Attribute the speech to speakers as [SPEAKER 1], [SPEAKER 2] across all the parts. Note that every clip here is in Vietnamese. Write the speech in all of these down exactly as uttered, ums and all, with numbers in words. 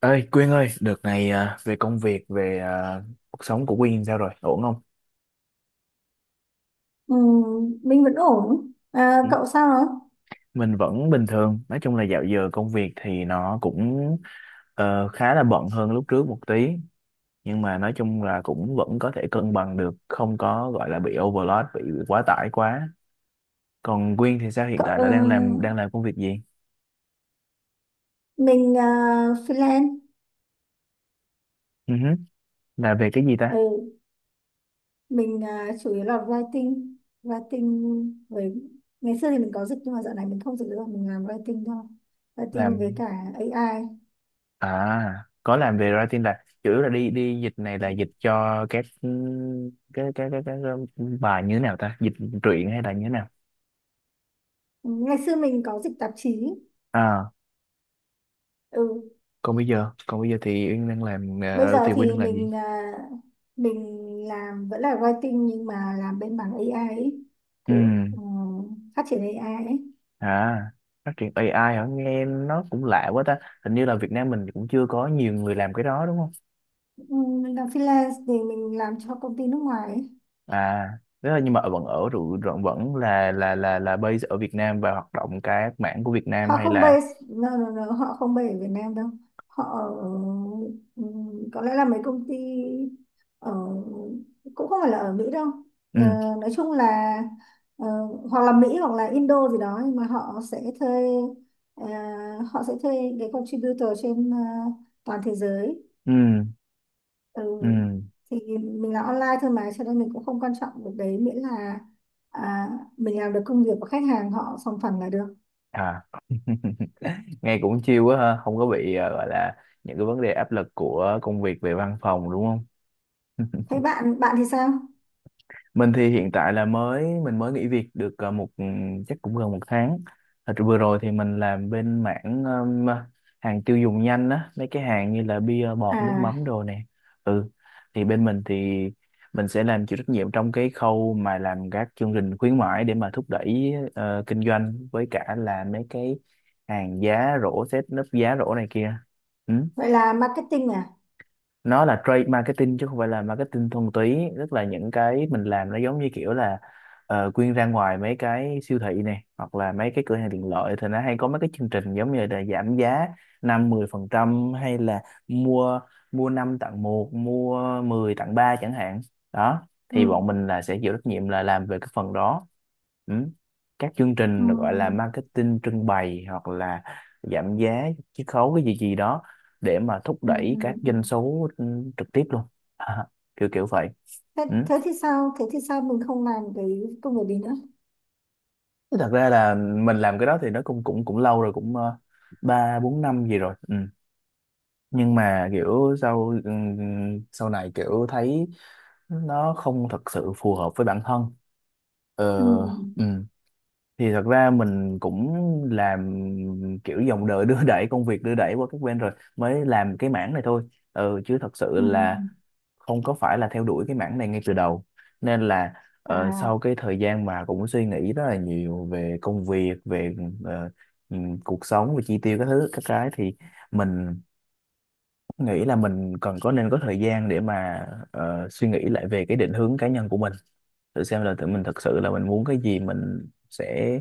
[SPEAKER 1] Ơi Quyên ơi, đợt này à, về công việc, về à, cuộc sống của Quyên sao rồi? Ổn không?
[SPEAKER 2] Ừ, mình vẫn ổn. À,
[SPEAKER 1] Ừ.
[SPEAKER 2] cậu sao rồi?
[SPEAKER 1] Mình vẫn bình thường. Nói chung là dạo giờ công việc thì nó cũng ờ, khá là bận hơn lúc trước một tí. Nhưng mà nói chung là cũng vẫn có thể cân bằng được, không có gọi là bị overload, bị quá tải quá. Còn Quyên thì sao? Hiện
[SPEAKER 2] Cậu,
[SPEAKER 1] tại
[SPEAKER 2] ờ,
[SPEAKER 1] là đang làm đang làm công việc gì?
[SPEAKER 2] mình ờ, freelance.
[SPEAKER 1] Ừ hứ. Là về cái gì
[SPEAKER 2] Ừ,
[SPEAKER 1] ta?
[SPEAKER 2] mình ờ, chủ yếu là writing. Writing với... Ngày xưa thì mình có dịch nhưng mà dạo này mình không dịch nữa. Mình làm writing thôi. Writing với
[SPEAKER 1] Làm,
[SPEAKER 2] cả a i.
[SPEAKER 1] à, có làm về writing là chủ yếu là đi đi dịch này, là dịch cho các ừ, cái cái cái cái, bài như thế nào ta, dịch truyện hay là như thế nào?
[SPEAKER 2] Ừ, ngày xưa mình có dịch tạp chí.
[SPEAKER 1] À,
[SPEAKER 2] Ừ,
[SPEAKER 1] còn bây giờ còn bây giờ thì Uyên đang làm
[SPEAKER 2] bây
[SPEAKER 1] ờ,
[SPEAKER 2] giờ
[SPEAKER 1] thì Uyên
[SPEAKER 2] thì
[SPEAKER 1] đang làm gì?
[SPEAKER 2] mình ờ, mình làm vẫn là writing nhưng mà làm bên mảng a i ấy.
[SPEAKER 1] Ừ.
[SPEAKER 2] Kiểu ờ, phát triển a i ấy.
[SPEAKER 1] À, phát triển a i hả? Nghe nó cũng lạ quá ta, hình như là Việt Nam mình cũng chưa có nhiều người làm cái đó đúng không?
[SPEAKER 2] Ừ, mình làm freelance thì mình làm cho công ty nước ngoài ấy.
[SPEAKER 1] À, thế là nhưng mà vẫn ở rồi, vẫn vẫn là là là là base ở Việt Nam và hoạt động các mảng của Việt Nam
[SPEAKER 2] Họ
[SPEAKER 1] hay
[SPEAKER 2] không
[SPEAKER 1] là…
[SPEAKER 2] base, no, no, no, họ không base ở Việt Nam đâu, họ ở- ừ, có lẽ là mấy công ty ở cũng không phải là ở Mỹ đâu. Ờ,
[SPEAKER 1] Ừ.
[SPEAKER 2] nói chung là ờ, hoặc là Mỹ hoặc là Indo gì đó, nhưng mà họ sẽ thuê, ờ, họ sẽ thuê cái contributor trên, ờ, toàn thế giới.
[SPEAKER 1] Ừ.
[SPEAKER 2] Ừ.
[SPEAKER 1] Ừ.
[SPEAKER 2] Thì mình làm online thôi mà, cho nên mình cũng không quan trọng được đấy, miễn là, à, mình làm được công việc của khách hàng, họ sòng phẳng là được.
[SPEAKER 1] À. Nghe cũng chill quá ha, không có bị ờ, gọi là những cái vấn đề áp lực của công việc về văn phòng đúng không?
[SPEAKER 2] Thế bạn bạn thì sao?
[SPEAKER 1] Mình thì hiện tại là mới mình mới nghỉ việc được ờ, một ừ, chắc cũng gần một tháng. Thật ra vừa rồi thì mình làm bên mảng ừm, hàng tiêu dùng nhanh á, mấy cái hàng như là bia bọt, nước mắm
[SPEAKER 2] À
[SPEAKER 1] đồ nè. Ừ. Thì bên mình thì mình sẽ làm, chịu trách nhiệm trong cái khâu mà làm các chương trình khuyến mãi để mà thúc đẩy ờ, kinh doanh, với cả là mấy cái hàng giá rổ, set nấp giá rổ này kia. Ừ.
[SPEAKER 2] vậy là marketing à?
[SPEAKER 1] Nó là trade marketing chứ không phải là marketing thuần túy, tức là những cái mình làm nó giống như kiểu là ờ, Quyên ra ngoài mấy cái siêu thị này hoặc là mấy cái cửa hàng tiện lợi thì nó hay có mấy cái chương trình giống như là giảm giá năm mười phần trăm hay là mua mua năm tặng một, mua mười tặng ba chẳng hạn. Đó, thì
[SPEAKER 2] Ừ.
[SPEAKER 1] bọn mình là sẽ chịu trách nhiệm là làm về cái phần đó. Ừ. Các chương
[SPEAKER 2] Ừ.
[SPEAKER 1] trình gọi là marketing trưng bày hoặc là giảm giá chiết khấu cái gì gì đó để mà thúc
[SPEAKER 2] Ừ.
[SPEAKER 1] đẩy các
[SPEAKER 2] Ừ. Ừ.
[SPEAKER 1] doanh số ừ, trực tiếp luôn. À, kiểu kiểu vậy.
[SPEAKER 2] Thế,
[SPEAKER 1] Ừ.
[SPEAKER 2] thế thì sao thế thì sao mình không làm cái công việc đấy nữa?
[SPEAKER 1] Chứ thật ra là mình làm cái đó thì nó cũng cũng cũng lâu rồi, cũng ờ, ba bốn năm gì rồi. Ừ. Nhưng mà kiểu sau ừ, sau này kiểu thấy nó không thật sự phù hợp với bản thân. Ờ.
[SPEAKER 2] Ừ.
[SPEAKER 1] Ừ. Thì thật ra mình cũng làm kiểu dòng đời đưa đẩy, công việc đưa đẩy qua các bên rồi mới làm cái mảng này thôi. Ừ, chứ thật sự
[SPEAKER 2] Ừ.
[SPEAKER 1] là không có phải là theo đuổi cái mảng này ngay từ đầu. Nên là ờ, sau
[SPEAKER 2] à
[SPEAKER 1] cái thời gian mà cũng suy nghĩ rất là nhiều về công việc, về ờ, ừm, cuộc sống, về chi tiêu các thứ các cái thì mình nghĩ là mình cần có nên có thời gian để mà ờ, suy nghĩ lại về cái định hướng cá nhân của mình, thử xem là tự mình thật sự là mình muốn cái gì, mình sẽ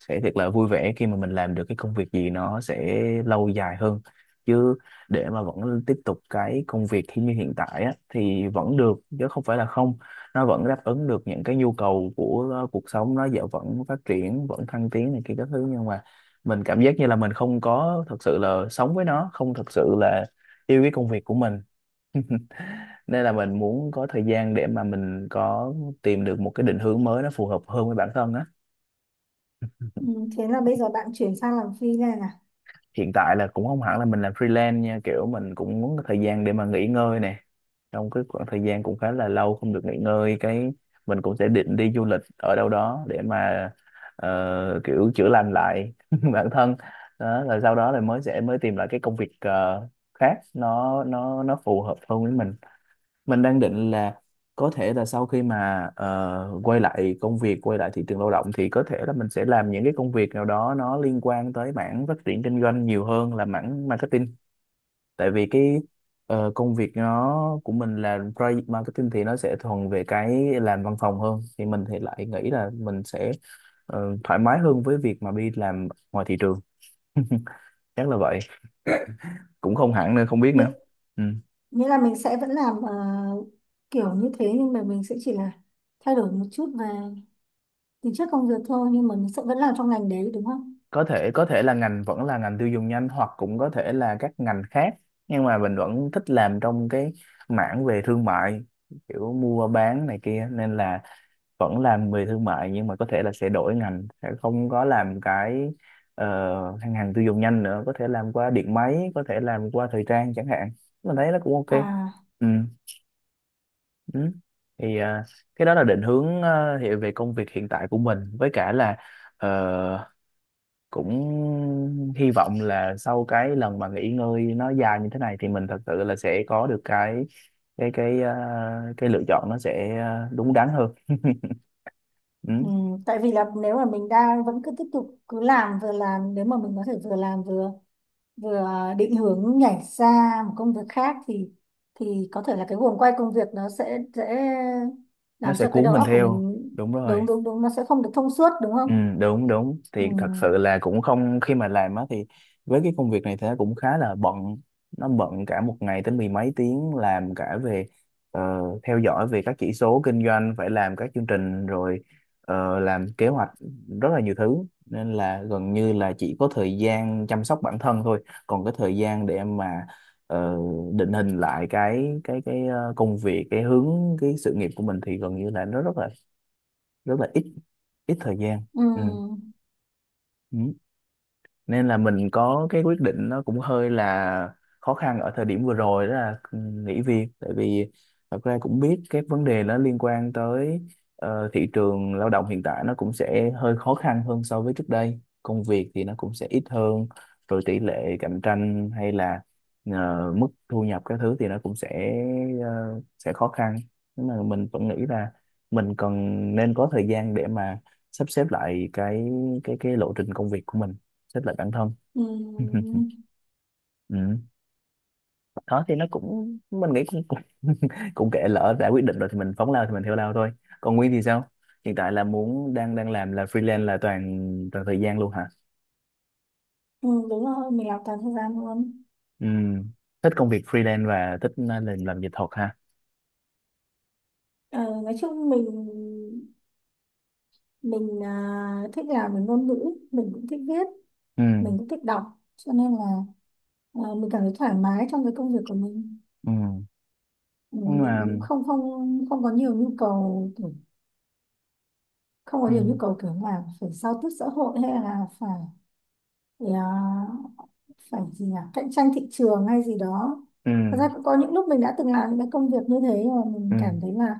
[SPEAKER 1] sẽ thật là vui vẻ khi mà mình làm được cái công việc gì, nó sẽ lâu dài hơn. Chứ để mà vẫn tiếp tục cái công việc khi như hiện tại á, thì vẫn được chứ không phải là không, nó vẫn đáp ứng được những cái nhu cầu của uh, cuộc sống, nó dạo vẫn phát triển vẫn thăng tiến này kia các thứ, nhưng mà mình cảm giác như là mình không có thật sự là sống với nó, không thật sự là yêu cái công việc của mình. Nên là mình muốn có thời gian để mà mình có, tìm được một cái định hướng mới nó phù hợp hơn với bản thân á.
[SPEAKER 2] ừ. Thế là bây giờ bạn chuyển sang làm freelance à?
[SPEAKER 1] Hiện tại là cũng không hẳn là mình làm freelance nha, kiểu mình cũng muốn có thời gian để mà nghỉ ngơi nè. Trong cái khoảng thời gian cũng khá là lâu không được nghỉ ngơi, cái mình cũng sẽ định đi du lịch ở đâu đó để mà ờ, kiểu chữa lành lại bản thân. Đó, rồi sau đó là mới sẽ mới tìm lại cái công việc ờ, khác, nó nó nó phù hợp hơn với mình. Mình đang định là có thể là sau khi mà ờ, quay lại công việc, quay lại thị trường lao động thì có thể là mình sẽ làm những cái công việc nào đó nó liên quan tới mảng phát triển kinh doanh nhiều hơn là mảng marketing. Tại vì cái ờ, công việc nó của mình là project marketing thì nó sẽ thuần về cái làm văn phòng hơn, thì mình thì lại nghĩ là mình sẽ ờ, thoải mái hơn với việc mà đi làm ngoài thị trường. Chắc là vậy, cũng không hẳn nữa, không biết
[SPEAKER 2] Nghĩa,
[SPEAKER 1] nữa. Ừ.
[SPEAKER 2] nghĩa là mình sẽ vẫn làm, ờ, kiểu như thế, nhưng mà mình sẽ chỉ là thay đổi một chút về tính chất công việc thôi, nhưng mà nó sẽ vẫn làm trong ngành đấy đúng không?
[SPEAKER 1] Có thể, có thể là ngành vẫn là ngành tiêu dùng nhanh hoặc cũng có thể là các ngành khác, nhưng mà mình vẫn thích làm trong cái mảng về thương mại, kiểu mua bán này kia, nên là vẫn làm về thương mại, nhưng mà có thể là sẽ đổi ngành, sẽ không có làm cái ờ, hàng hàng tiêu dùng nhanh nữa, có thể làm qua điện máy, có thể làm qua thời trang chẳng hạn. Mình thấy nó cũng ok.
[SPEAKER 2] À
[SPEAKER 1] Ừ. Ừ. Thì à, cái đó là định hướng ờ, hiện về công việc hiện tại của mình, với cả là ờ, cũng hy vọng là sau cái lần mà nghỉ ngơi nó dài như thế này thì mình thật sự là sẽ có được cái cái cái ờ, cái lựa chọn nó sẽ ờ, đúng đắn hơn. Ừ,
[SPEAKER 2] ừ, tại vì là nếu mà mình đang vẫn cứ tiếp tục cứ làm, vừa làm, nếu mà mình có thể vừa làm vừa, vừa định hướng nhảy ra một công việc khác thì thì có thể là cái guồng quay công việc nó sẽ dễ
[SPEAKER 1] nó
[SPEAKER 2] làm
[SPEAKER 1] sẽ
[SPEAKER 2] cho cái
[SPEAKER 1] cuốn
[SPEAKER 2] đầu
[SPEAKER 1] mình
[SPEAKER 2] óc của
[SPEAKER 1] theo,
[SPEAKER 2] mình.
[SPEAKER 1] đúng rồi.
[SPEAKER 2] Đúng, đúng, đúng, nó sẽ không được thông suốt đúng không?
[SPEAKER 1] Ừ, đúng đúng,
[SPEAKER 2] Ừ,
[SPEAKER 1] thì thật sự là cũng không, khi mà làm á thì với cái công việc này thì nó cũng khá là bận. Nó bận cả một ngày tới mười mấy tiếng, làm cả về ờ, theo dõi về các chỉ số kinh doanh, phải làm các chương trình rồi ờ, làm kế hoạch, rất là nhiều thứ. Nên là gần như là chỉ có thời gian chăm sóc bản thân thôi, còn cái thời gian để mà ờ, định hình lại cái cái cái ờ, công việc, cái hướng, cái sự nghiệp của mình thì gần như là nó rất là rất là ít, ít thời gian.
[SPEAKER 2] ừ,
[SPEAKER 1] Ừ. Ừ. Nên là mình có cái quyết định nó cũng hơi là khó khăn ở thời điểm vừa rồi, đó là ừ, nghỉ việc. Tại vì thật ra cũng biết cái vấn đề nó liên quan tới ờ, thị trường lao động hiện tại nó cũng sẽ hơi khó khăn hơn so với trước đây, công việc thì nó cũng sẽ ít hơn rồi, tỷ lệ cạnh tranh hay là ờ, mức thu nhập các thứ thì nó cũng sẽ ờ, sẽ khó khăn. Nhưng mà mình vẫn nghĩ là mình cần nên có thời gian để mà sắp xếp lại cái cái cái lộ trình công việc của mình, xếp lại bản thân.
[SPEAKER 2] ừ,
[SPEAKER 1] Ừ. Đó thì nó cũng, mình nghĩ cũng cũng, cũng kệ, lỡ đã quyết định rồi thì mình phóng lao thì mình theo lao thôi. Còn Nguyên thì sao? Hiện tại là muốn, đang đang làm là freelance là toàn toàn thời gian luôn hả?
[SPEAKER 2] ừ, đúng rồi, mình làm toàn thời gian luôn.
[SPEAKER 1] Ừ. Thích công việc freelance và thích, à, làm làm dịch thuật ha?
[SPEAKER 2] Ờ, nói chung mình, mình à, thích làm về ngôn ngữ, mình cũng thích viết,
[SPEAKER 1] Ừ.
[SPEAKER 2] mình cũng thích đọc, cho nên là, à, mình cảm thấy thoải mái trong cái công việc của mình.
[SPEAKER 1] Ừ.
[SPEAKER 2] Ừ,
[SPEAKER 1] Nhưng
[SPEAKER 2] mình
[SPEAKER 1] mà…
[SPEAKER 2] cũng không không không có nhiều nhu cầu kiểu, không có
[SPEAKER 1] Ừ.
[SPEAKER 2] nhiều nhu cầu kiểu là phải giao tiếp xã hội hay là phải, à, phải gì nhỉ, cạnh tranh thị trường hay gì đó.
[SPEAKER 1] Ừ.
[SPEAKER 2] Thật ra cũng có những lúc mình đã từng làm những cái công việc như thế mà mình
[SPEAKER 1] Ừ.
[SPEAKER 2] cảm thấy là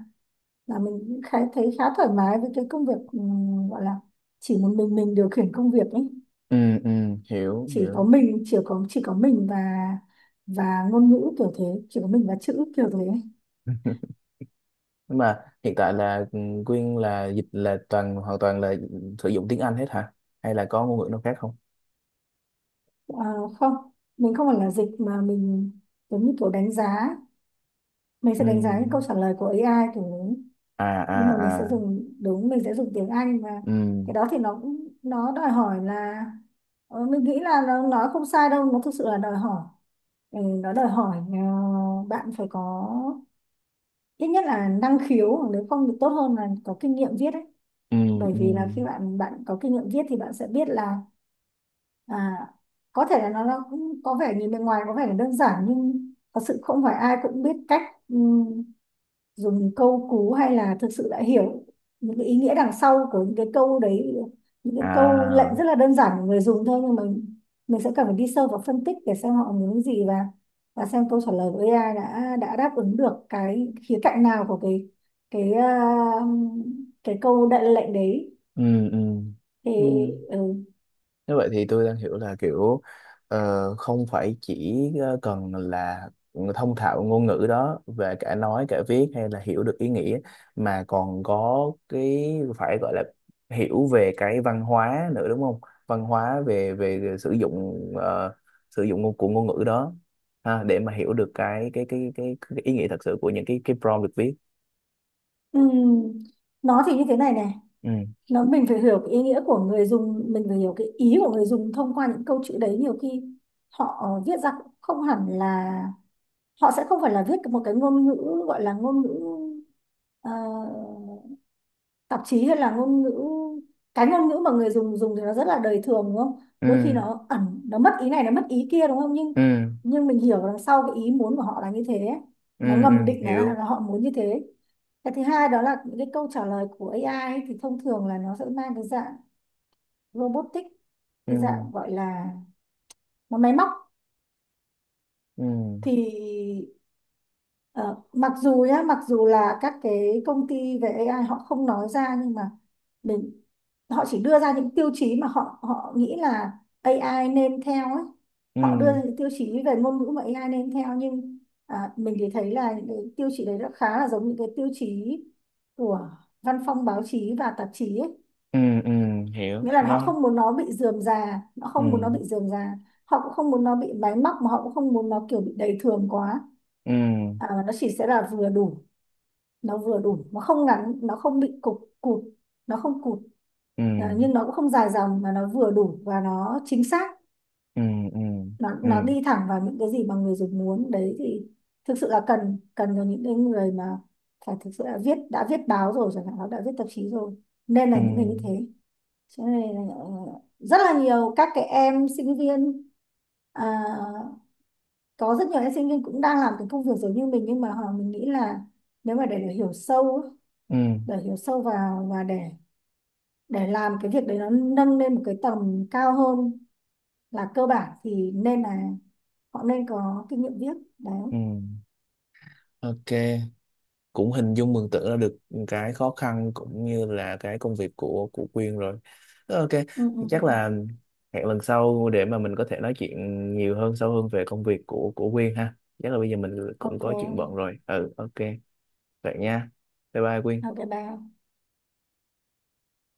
[SPEAKER 2] là mình cũng khá thấy khá thoải mái với cái công việc, ừ, gọi là chỉ một mình mình điều khiển công việc ấy.
[SPEAKER 1] Ừ. Ừ. Hiểu
[SPEAKER 2] Chỉ có
[SPEAKER 1] hiểu.
[SPEAKER 2] mình, chỉ có chỉ có mình và và ngôn ngữ kiểu thế, chỉ có mình và chữ kiểu thế.
[SPEAKER 1] Nhưng mà hiện tại là ừ, Quyên là dịch là toàn hoàn toàn là sử dụng tiếng Anh hết hả, hay là có ngôn ngữ nào khác không?
[SPEAKER 2] Ờ, không, mình không phải là dịch mà mình giống như kiểu đánh giá, mình sẽ
[SPEAKER 1] Ừ.
[SPEAKER 2] đánh giá những câu trả lời của a i kiểu đấy,
[SPEAKER 1] À à
[SPEAKER 2] nhưng mà mình sẽ
[SPEAKER 1] à.
[SPEAKER 2] dùng, đúng, mình sẽ dùng tiếng Anh. Và
[SPEAKER 1] Ừ.
[SPEAKER 2] cái đó thì nó cũng nó đòi hỏi là, ờ, mình nghĩ là nó nói không sai đâu, nó thực sự là đòi hỏi. Ừ, nó đòi hỏi, ờ, bạn phải có ít nhất là năng khiếu, hoặc nếu không thì tốt hơn là có kinh nghiệm viết ấy.
[SPEAKER 1] Ừ.
[SPEAKER 2] Bởi
[SPEAKER 1] Ừ.
[SPEAKER 2] vì là khi bạn bạn có kinh nghiệm viết thì bạn sẽ biết là, à, có thể là nó, nó cũng có vẻ, nhìn bên ngoài có vẻ là đơn giản, nhưng thật sự không phải ai cũng biết cách, ừm, dùng câu cú, hay là thực sự đã hiểu những cái ý nghĩa đằng sau của những cái câu đấy. Những cái câu lệnh
[SPEAKER 1] À.
[SPEAKER 2] rất là đơn giản của người dùng thôi, nhưng mà mình sẽ cần phải đi sâu vào phân tích để xem họ muốn cái gì, và và xem câu trả lời của a i đã đã đáp ứng được cái khía cạnh nào của cái, cái à, cái câu đại lệnh đấy.
[SPEAKER 1] Ừ. Ừ.
[SPEAKER 2] Thì
[SPEAKER 1] Ừ.
[SPEAKER 2] ừ.
[SPEAKER 1] Như vậy thì tôi đang hiểu là kiểu ờ, không phải chỉ ờ, cần là thông thạo ngôn ngữ đó về cả nói cả viết hay là hiểu được ý nghĩa, mà còn có cái phải gọi là hiểu về cái văn hóa nữa đúng không, văn hóa về về, sử dụng ờ, sử dụng ngôn- của ngôn ngữ đó ha, để mà hiểu được cái cái cái cái, cái ý nghĩa thật sự của những cái cái prompt được viết.
[SPEAKER 2] ừm, nó thì như thế này này,
[SPEAKER 1] Ừ.
[SPEAKER 2] nó mình phải hiểu cái ý nghĩa của người dùng, mình phải hiểu cái ý của người dùng thông qua những câu chữ đấy. Nhiều khi họ, ờ, viết ra cũng không hẳn là, họ sẽ không phải là viết một cái ngôn ngữ, gọi là ngôn ngữ, ờ, tạp chí, hay là ngôn ngữ, cái ngôn ngữ mà người dùng dùng thì nó rất là đời thường đúng không? Đôi khi
[SPEAKER 1] Ừ.
[SPEAKER 2] nó ẩn, nó mất ý này, nó mất ý kia đúng không, nhưng
[SPEAKER 1] Ừ.
[SPEAKER 2] nhưng mình hiểu đằng sau cái ý muốn của họ là như thế,
[SPEAKER 1] Ừ.
[SPEAKER 2] nó
[SPEAKER 1] Ừ.
[SPEAKER 2] ngầm định là,
[SPEAKER 1] Hiểu.
[SPEAKER 2] là họ muốn như thế. Cái thứ hai đó là những cái câu trả lời của a i ấy, thì thông thường là nó sẽ mang cái dạng robotic,
[SPEAKER 1] Ừ.
[SPEAKER 2] cái dạng gọi là nó máy móc.
[SPEAKER 1] Ừ.
[SPEAKER 2] Thì ờ, mặc dù nhá, mặc dù là các cái công ty về a i họ không nói ra, nhưng mà mình, họ chỉ đưa ra những tiêu chí mà họ họ nghĩ là a i nên theo ấy. Họ đưa
[SPEAKER 1] Ừ.
[SPEAKER 2] ra những tiêu chí về ngôn ngữ mà a i nên theo, nhưng à, mình thì thấy là những cái tiêu chí đấy nó khá là giống những cái tiêu chí của văn phòng báo chí và tạp chí ấy.
[SPEAKER 1] Ừ. Ừ. Hiểu
[SPEAKER 2] Nghĩa là họ
[SPEAKER 1] nó.
[SPEAKER 2] không muốn nó bị rườm rà, họ
[SPEAKER 1] Ừ.
[SPEAKER 2] không muốn nó bị rườm rà, họ cũng không muốn nó bị máy móc, mà họ cũng không muốn nó kiểu bị đầy thường quá.
[SPEAKER 1] Ừ.
[SPEAKER 2] à, mà nó chỉ sẽ là vừa đủ, nó vừa đủ, nó không ngắn, nó không bị cục cụt, nó không cụt.
[SPEAKER 1] Ừ.
[SPEAKER 2] à, nhưng nó cũng không dài dòng, mà nó vừa đủ và nó chính xác,
[SPEAKER 1] Ừ. Ừ.
[SPEAKER 2] nó
[SPEAKER 1] Ừ.
[SPEAKER 2] nó đi thẳng vào những cái gì mà người dùng muốn đấy. Thì thực sự là cần, cần cho những cái người mà phải thực sự là viết, đã viết báo rồi chẳng hạn, nó đã viết tạp chí rồi, nên là
[SPEAKER 1] Ừ.
[SPEAKER 2] những người như thế. Chỗ này là rất là nhiều các cái em sinh viên, à, có rất nhiều em sinh viên cũng đang làm cái công việc giống như mình, nhưng mà họ, mình nghĩ là nếu mà để, để hiểu sâu á,
[SPEAKER 1] Ừ.
[SPEAKER 2] để hiểu sâu vào, và để để làm cái việc đấy nó nâng lên một cái tầm cao hơn là cơ bản, thì nên là họ nên có kinh nghiệm viết đấy.
[SPEAKER 1] Ừ. Ok, cũng hình dung mường tượng ra được cái khó khăn cũng như là cái công việc của của Quyên rồi. Ok.
[SPEAKER 2] Ừ, ừ. Ừ.
[SPEAKER 1] Chắc là hẹn lần sau để mà mình có thể nói chuyện nhiều hơn, sâu hơn về công việc của của Quyên ha. Chắc là bây giờ mình cũng
[SPEAKER 2] OK.
[SPEAKER 1] có chuyện bận rồi. Ừ, ok, vậy nha. Bye bye
[SPEAKER 2] OK,
[SPEAKER 1] Quyên.
[SPEAKER 2] bye.